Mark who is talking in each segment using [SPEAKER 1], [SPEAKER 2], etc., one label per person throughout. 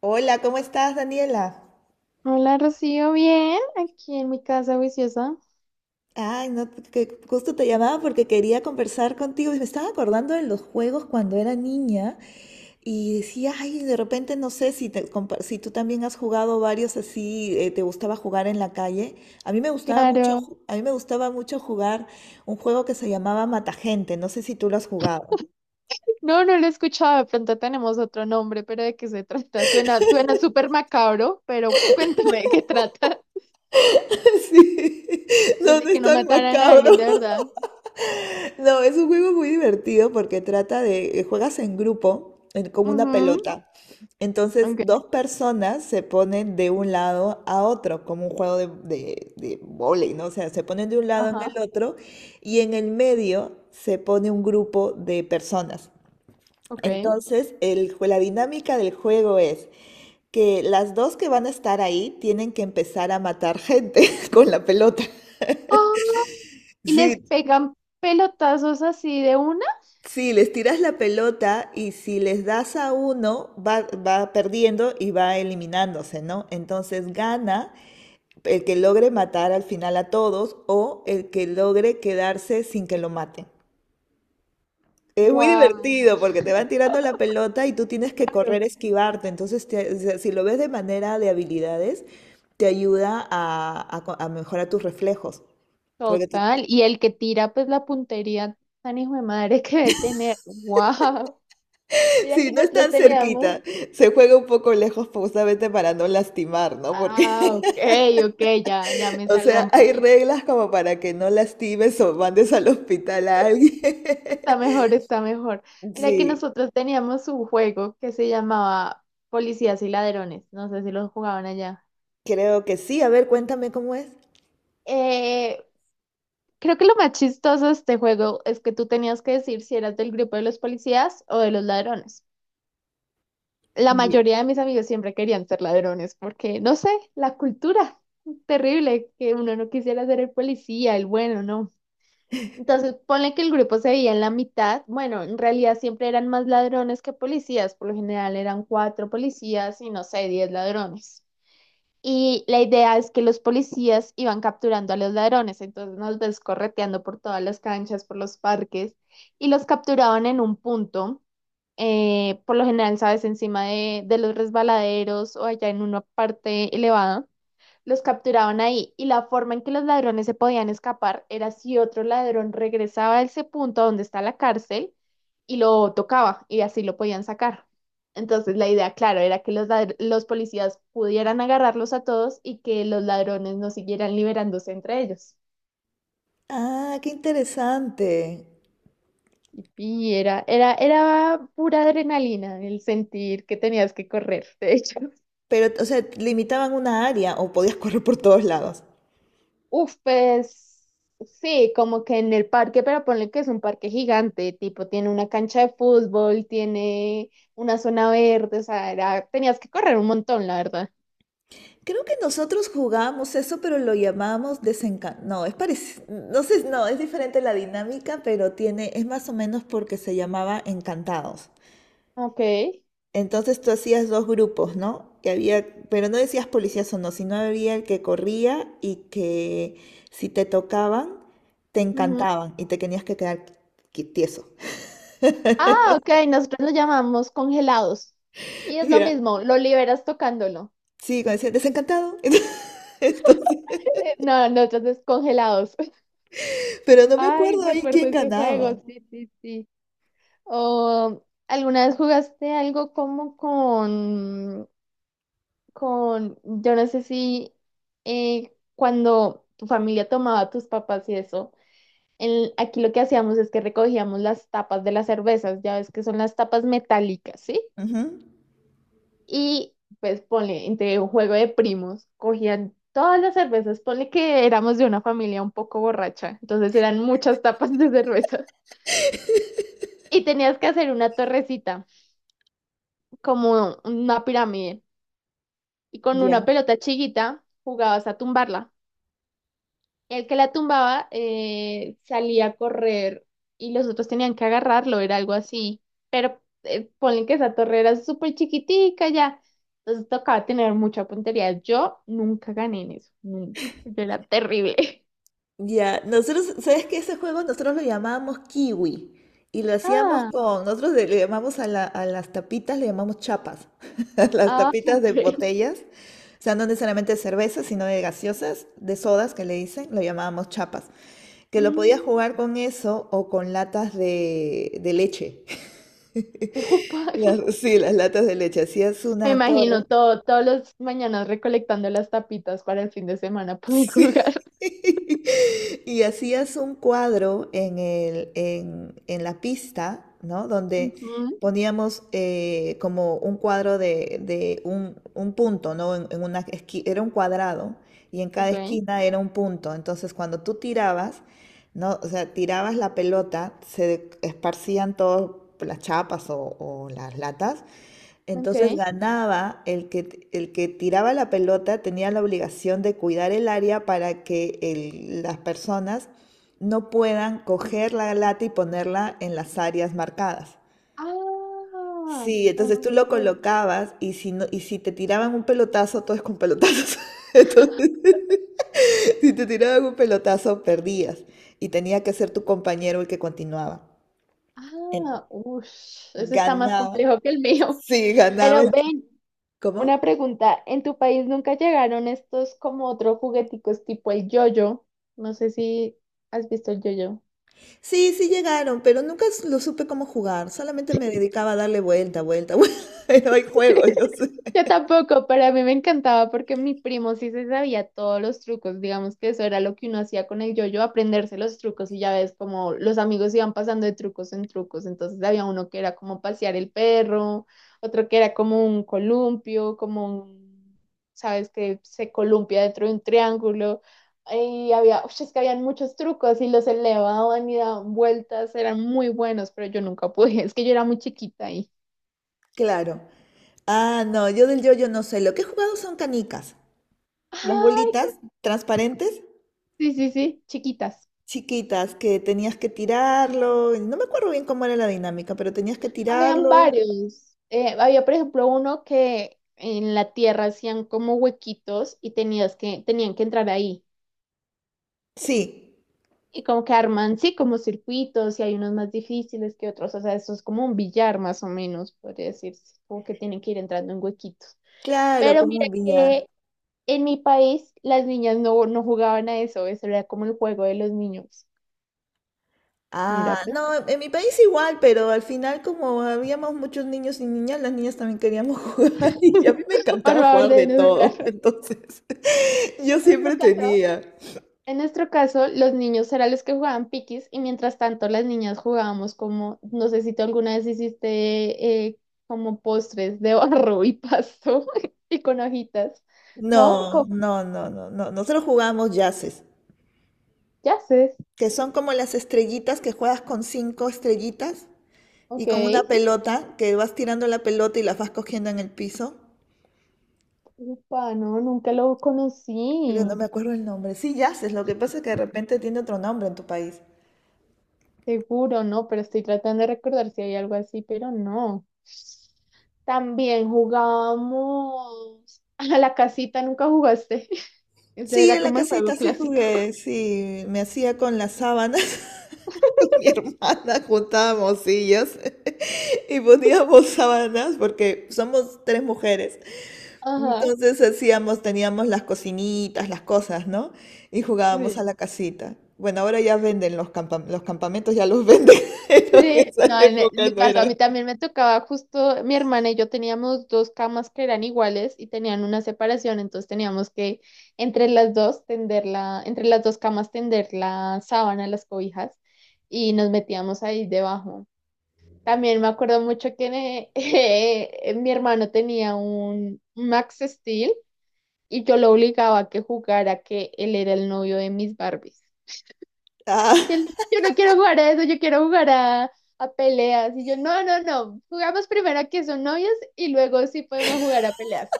[SPEAKER 1] Hola, ¿cómo estás, Daniela?
[SPEAKER 2] Hola Rocío, bien, aquí en mi casa viciosa.
[SPEAKER 1] Ay, no, que justo te llamaba porque quería conversar contigo y me estaba acordando de los juegos cuando era niña y decía, ay, de repente no sé si, te compa- si tú también has jugado varios así, te gustaba jugar en la calle. A mí me gustaba mucho,
[SPEAKER 2] Claro.
[SPEAKER 1] ju- a mí me gustaba mucho jugar un juego que se llamaba Matagente, no sé si tú lo has jugado.
[SPEAKER 2] No, no lo he escuchado, de pronto tenemos otro nombre, pero ¿de qué se trata? Suena, suena súper macabro, pero cuéntame de qué trata.
[SPEAKER 1] Sí, no, no
[SPEAKER 2] Desde que
[SPEAKER 1] es
[SPEAKER 2] no
[SPEAKER 1] tan
[SPEAKER 2] mataran a
[SPEAKER 1] macabro.
[SPEAKER 2] alguien, de verdad.
[SPEAKER 1] No, es un juego muy divertido porque trata de, juegas en grupo, en- como una
[SPEAKER 2] Ujú,
[SPEAKER 1] pelota. Entonces,
[SPEAKER 2] ok,
[SPEAKER 1] dos personas se ponen de un lado a otro, como un juego de vóley, ¿no? O sea, se ponen de un lado en
[SPEAKER 2] ajá,
[SPEAKER 1] el otro y en el medio se pone un grupo de personas.
[SPEAKER 2] ok.
[SPEAKER 1] Entonces, el, jue- la dinámica del juego es que las dos que van a estar ahí tienen que empezar a matar gente con la pelota.
[SPEAKER 2] Ah, y les
[SPEAKER 1] Sí,
[SPEAKER 2] pegan pelotazos así de una.
[SPEAKER 1] sí, les tiras la pelota y si les das a uno, va, va perdiendo y va eliminándose, ¿no? Entonces gana el que logre matar al final a todos o el que logre quedarse sin que lo maten. Es muy
[SPEAKER 2] Wow.
[SPEAKER 1] divertido porque te van tirando la pelota y tú tienes que
[SPEAKER 2] Claro.
[SPEAKER 1] correr, esquivarte. Entonces, te- o sea, si lo ves de manera de habilidades, te ayuda a mejorar tus reflejos. Porque te-
[SPEAKER 2] Total. Y el que tira, pues la puntería tan hijo de madre que debe tener. Wow. Mira
[SPEAKER 1] sí,
[SPEAKER 2] que
[SPEAKER 1] no es
[SPEAKER 2] nosotros
[SPEAKER 1] tan
[SPEAKER 2] teníamos.
[SPEAKER 1] cerquita. Se juega un poco lejos pues, justamente para no lastimar, ¿no? Porque
[SPEAKER 2] Ah, ok, ok, ya, ya me
[SPEAKER 1] o
[SPEAKER 2] salvó
[SPEAKER 1] sea,
[SPEAKER 2] un
[SPEAKER 1] hay
[SPEAKER 2] poquito.
[SPEAKER 1] reglas como para que no lastimes o mandes al hospital a alguien.
[SPEAKER 2] Está mejor, está mejor. Mira que
[SPEAKER 1] Sí,
[SPEAKER 2] nosotros teníamos un juego que se llamaba Policías y Ladrones. No sé si lo jugaban allá.
[SPEAKER 1] creo que sí. A ver, cuéntame cómo es.
[SPEAKER 2] Eh, creo que lo más chistoso de este juego es que tú tenías que decir si eras del grupo de los policías o de los ladrones. La
[SPEAKER 1] Ye-
[SPEAKER 2] mayoría de mis amigos siempre querían ser ladrones porque, no sé, la cultura terrible que uno no quisiera ser el policía, el bueno, ¿no? Entonces, ponle que el grupo se veía en la mitad. Bueno, en realidad siempre eran más ladrones que policías. Por lo general eran 4 policías y no sé, 10 ladrones. Y la idea es que los policías iban capturando a los ladrones. Entonces nos ves correteando por todas las canchas, por los parques y los capturaban en un punto. Por lo general, sabes, encima de los resbaladeros o allá en una parte elevada. Los capturaban ahí y la forma en que los ladrones se podían escapar era si otro ladrón regresaba a ese punto donde está la cárcel y lo tocaba y así lo podían sacar. Entonces la idea, claro, era que los, los policías pudieran agarrarlos a todos y que los ladrones no siguieran liberándose entre ellos.
[SPEAKER 1] Ah, qué interesante.
[SPEAKER 2] Era pura adrenalina el sentir que tenías que correr, de hecho.
[SPEAKER 1] Pero, o sea, limitaban una área o podías correr por todos lados.
[SPEAKER 2] Uf, pues sí, como que en el parque, pero ponle que es un parque gigante, tipo, tiene una cancha de fútbol, tiene una zona verde, o sea, tenías que correr un montón, la verdad.
[SPEAKER 1] Creo que nosotros jugábamos eso, pero lo llamamos desencanto. No, es parecido. No sé, no, es diferente la dinámica, pero tiene, es más o menos porque se llamaba encantados.
[SPEAKER 2] Ok,
[SPEAKER 1] Entonces tú hacías dos grupos, ¿no? Que había, pero no decías policías o no, sino había el que corría y que si te tocaban, te
[SPEAKER 2] ujú.
[SPEAKER 1] encantaban y te tenías que quedar qui- tieso.
[SPEAKER 2] Ah, ok, nosotros lo llamamos congelados. Y es lo
[SPEAKER 1] Ya.
[SPEAKER 2] mismo, lo liberas tocándolo.
[SPEAKER 1] Sí, cuando decían desencantado. Entonces,
[SPEAKER 2] No, nosotros es congelados.
[SPEAKER 1] pero no me
[SPEAKER 2] Ay,
[SPEAKER 1] acuerdo ahí
[SPEAKER 2] recuerdo
[SPEAKER 1] quién
[SPEAKER 2] ese
[SPEAKER 1] ganaba.
[SPEAKER 2] juego, sí, sí, sí. O, ¿alguna vez jugaste algo como con, yo no sé si cuando tu familia tomaba tus papas y eso, aquí lo que hacíamos es que recogíamos las tapas de las cervezas, ya ves que son las tapas metálicas, ¿sí?
[SPEAKER 1] Ujú.
[SPEAKER 2] Y pues ponle, entre un juego de primos, cogían todas las cervezas, ponle que éramos de una familia un poco borracha, entonces eran muchas tapas de cerveza. Y tenías que hacer una torrecita, como una pirámide, y con una
[SPEAKER 1] Ya.
[SPEAKER 2] pelota chiquita jugabas a tumbarla. El que la tumbaba salía a correr y los otros tenían que agarrarlo, era algo así. Pero ponle que esa torre era súper chiquitica ya. Entonces tocaba tener mucha puntería. Yo nunca gané en eso, nunca. Yo era terrible.
[SPEAKER 1] Ya, nosotros, ¿sabes qué? Ese juego nosotros lo llamábamos kiwi y lo hacíamos
[SPEAKER 2] Ah,
[SPEAKER 1] con, nosotros le llamamos a, la- a las tapitas, le llamamos chapas, a las
[SPEAKER 2] ah,
[SPEAKER 1] tapitas de
[SPEAKER 2] ok.
[SPEAKER 1] botellas, o sea, no necesariamente de cerveza, sino de gaseosas, de sodas que le dicen, lo llamábamos chapas, que lo podías
[SPEAKER 2] Mm,
[SPEAKER 1] jugar con eso o con latas de leche.
[SPEAKER 2] upa.
[SPEAKER 1] Las- Sí, las latas de leche, hacías
[SPEAKER 2] Me
[SPEAKER 1] una
[SPEAKER 2] imagino
[SPEAKER 1] torre.
[SPEAKER 2] todo, todos los mañanas recolectando las tapitas para el fin de semana poder
[SPEAKER 1] Sí.
[SPEAKER 2] jugar.
[SPEAKER 1] Y hacías un cuadro en el, en la pista, ¿no? Donde
[SPEAKER 2] Ujú,
[SPEAKER 1] poníamos como un cuadro de un punto, ¿no? En una esquina, era un cuadrado y en cada
[SPEAKER 2] ok,
[SPEAKER 1] esquina era un punto. Entonces, cuando tú tirabas, ¿no? O sea, tirabas la pelota, se esparcían todas las chapas o las latas, entonces
[SPEAKER 2] ok.
[SPEAKER 1] ganaba el que tiraba la pelota, tenía la obligación de cuidar el área para que el- las personas no puedan coger la lata y ponerla en las áreas marcadas.
[SPEAKER 2] Ah,
[SPEAKER 1] Sí, entonces
[SPEAKER 2] ok.
[SPEAKER 1] tú lo colocabas y si, no, y si te tiraban un pelotazo, todo es con pelotazos. Entonces, si te tiraban un pelotazo, perdías y tenía que ser tu compañero el que continuaba. En-
[SPEAKER 2] Ah, uff, eso está más
[SPEAKER 1] Ganaba,
[SPEAKER 2] complejo que el mío.
[SPEAKER 1] sí, ganaba
[SPEAKER 2] Pero
[SPEAKER 1] el...
[SPEAKER 2] ven,
[SPEAKER 1] ¿Cómo?
[SPEAKER 2] una pregunta, ¿en tu país nunca llegaron estos como otros jugueticos tipo el yoyo? No sé si has visto el yoyo.
[SPEAKER 1] Sí, sí llegaron, pero nunca s- lo supe cómo jugar. Solamente me dedicaba a darle vuelta, vuelta, vuelta. Pero hay juegos, yo sé.
[SPEAKER 2] Yo tampoco, pero a mí me encantaba porque mi primo sí se sabía todos los trucos, digamos que eso era lo que uno hacía con el yo-yo, aprenderse los trucos y ya ves como los amigos iban pasando de trucos en trucos, entonces había uno que era como pasear el perro, otro que era como un columpio, como un, sabes, que se columpia dentro de un triángulo, y había, ush, es que habían muchos trucos y los elevaban y daban vueltas, eran muy buenos, pero yo nunca pude, es que yo era muy chiquita ahí.
[SPEAKER 1] Claro. Ah, no, yo del yo-yo no sé. Lo que he jugado son canicas. Las
[SPEAKER 2] Ay,
[SPEAKER 1] bolitas transparentes,
[SPEAKER 2] sí, sí, sí, chiquitas.
[SPEAKER 1] chiquitas, que tenías que tirarlo. No me acuerdo bien cómo era la dinámica, pero tenías que
[SPEAKER 2] Habían
[SPEAKER 1] tirarlo.
[SPEAKER 2] varios. Había, por ejemplo, uno que en la tierra hacían como huequitos y tenías que, tenían que entrar ahí.
[SPEAKER 1] Sí,
[SPEAKER 2] Y como que arman, sí, como circuitos y hay unos más difíciles que otros. O sea, eso es como un billar más o menos, podría decirse. Como que tienen que ir entrando en huequitos.
[SPEAKER 1] claro,
[SPEAKER 2] Pero
[SPEAKER 1] como
[SPEAKER 2] mira
[SPEAKER 1] un billar.
[SPEAKER 2] que en mi país las niñas no, no jugaban a eso. Eso era como el juego de los niños. Mira,
[SPEAKER 1] Ah,
[SPEAKER 2] pues,
[SPEAKER 1] no, en mi país igual, pero al final como habíamos muchos niños y niñas, las niñas también queríamos jugar y a mí me
[SPEAKER 2] por
[SPEAKER 1] encantaba
[SPEAKER 2] favor,
[SPEAKER 1] jugar de
[SPEAKER 2] deben jugar.
[SPEAKER 1] todo, entonces yo
[SPEAKER 2] En nuestro
[SPEAKER 1] siempre
[SPEAKER 2] caso.
[SPEAKER 1] tenía.
[SPEAKER 2] En nuestro caso, los niños eran los que jugaban piquis y mientras tanto las niñas jugábamos como, no sé si tú alguna vez hiciste como postres de barro y pasto y con hojitas, ¿no?
[SPEAKER 1] No,
[SPEAKER 2] Como,
[SPEAKER 1] no, no, no, no, nosotros jugábamos yaces,
[SPEAKER 2] ya sé,
[SPEAKER 1] que son como las estrellitas que juegas con 5 estrellitas y
[SPEAKER 2] ok.
[SPEAKER 1] con una pelota, que vas tirando la pelota y las vas cogiendo en el piso,
[SPEAKER 2] Upa, no, nunca lo
[SPEAKER 1] pero no
[SPEAKER 2] conocí,
[SPEAKER 1] me acuerdo el nombre. Sí, yaces. Lo que pasa es que de repente tiene otro nombre en tu país.
[SPEAKER 2] seguro, ¿no? Pero estoy tratando de recordar si hay algo así, pero no. También jugábamos a la casita, nunca jugaste. Ese
[SPEAKER 1] Sí,
[SPEAKER 2] era
[SPEAKER 1] en la
[SPEAKER 2] como el juego
[SPEAKER 1] casita sí
[SPEAKER 2] clásico.
[SPEAKER 1] jugué, sí, me hacía con las sábanas. Mi hermana juntábamos sillas y poníamos sábanas porque somos tres mujeres.
[SPEAKER 2] Ajá,
[SPEAKER 1] Entonces hacíamos, teníamos las cocinitas, las cosas, ¿no? Y jugábamos a
[SPEAKER 2] sí.
[SPEAKER 1] la casita. Bueno, ahora ya venden los campam- los campamentos, ya los venden, pero
[SPEAKER 2] Sí,
[SPEAKER 1] en esa
[SPEAKER 2] no, en
[SPEAKER 1] época
[SPEAKER 2] mi
[SPEAKER 1] no
[SPEAKER 2] caso,
[SPEAKER 1] era.
[SPEAKER 2] a mí también me tocaba justo, mi hermana y yo teníamos dos camas que eran iguales y tenían una separación, entonces teníamos que entre las dos tender la, entre las dos camas tender la sábana, las cobijas, y nos metíamos ahí debajo. También me acuerdo mucho que eh, mi hermano tenía un Max Steel y yo lo obligaba a que jugara que él era el novio de mis Barbies.
[SPEAKER 1] Ah,
[SPEAKER 2] Y él, yo no quiero jugar a eso, yo quiero jugar a peleas. Y yo, no, no, no, jugamos primero a que son novios y luego sí podemos jugar a peleas.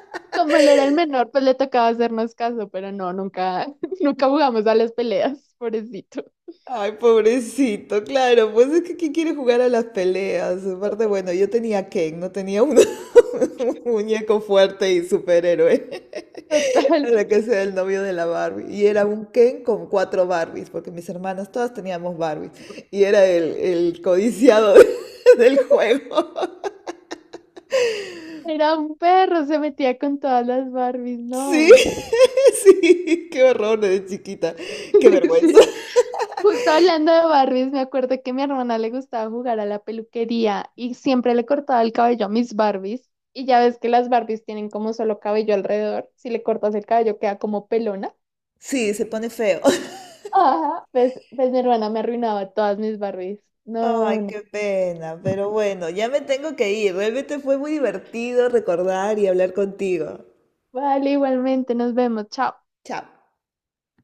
[SPEAKER 2] Como él era el menor, pues le tocaba hacernos caso, pero no, nunca, nunca jugamos a las peleas, pobrecito.
[SPEAKER 1] ay, pobrecito, claro, pues es que ¿quién quiere jugar a las peleas? Aparte, bueno, yo tenía Ken, no tenía un, un muñeco fuerte y superhéroe
[SPEAKER 2] Total,
[SPEAKER 1] para que sea el novio de la Barbie. Y era un Ken con cuatro Barbies, porque mis hermanas todas teníamos Barbies. Y era el codiciado del juego.
[SPEAKER 2] era un perro, se metía con todas las Barbies,
[SPEAKER 1] Sí,
[SPEAKER 2] no.
[SPEAKER 1] sí, qué horror de chiquita, qué vergüenza.
[SPEAKER 2] Sí. Justo hablando de Barbies, me acuerdo que a mi hermana le gustaba jugar a la peluquería y siempre le cortaba el cabello a mis Barbies. Y ya ves que las Barbies tienen como solo cabello alrededor. Si le cortas el cabello queda como pelona.
[SPEAKER 1] Sí, se pone feo.
[SPEAKER 2] Ajá, pues, pues mi hermana me arruinaba todas mis Barbies. No,
[SPEAKER 1] Ay,
[SPEAKER 2] no.
[SPEAKER 1] qué pena, pero bueno, ya me tengo que ir. Realmente fue muy divertido recordar y hablar contigo.
[SPEAKER 2] Vale, igualmente, nos vemos. Chao.
[SPEAKER 1] Chao.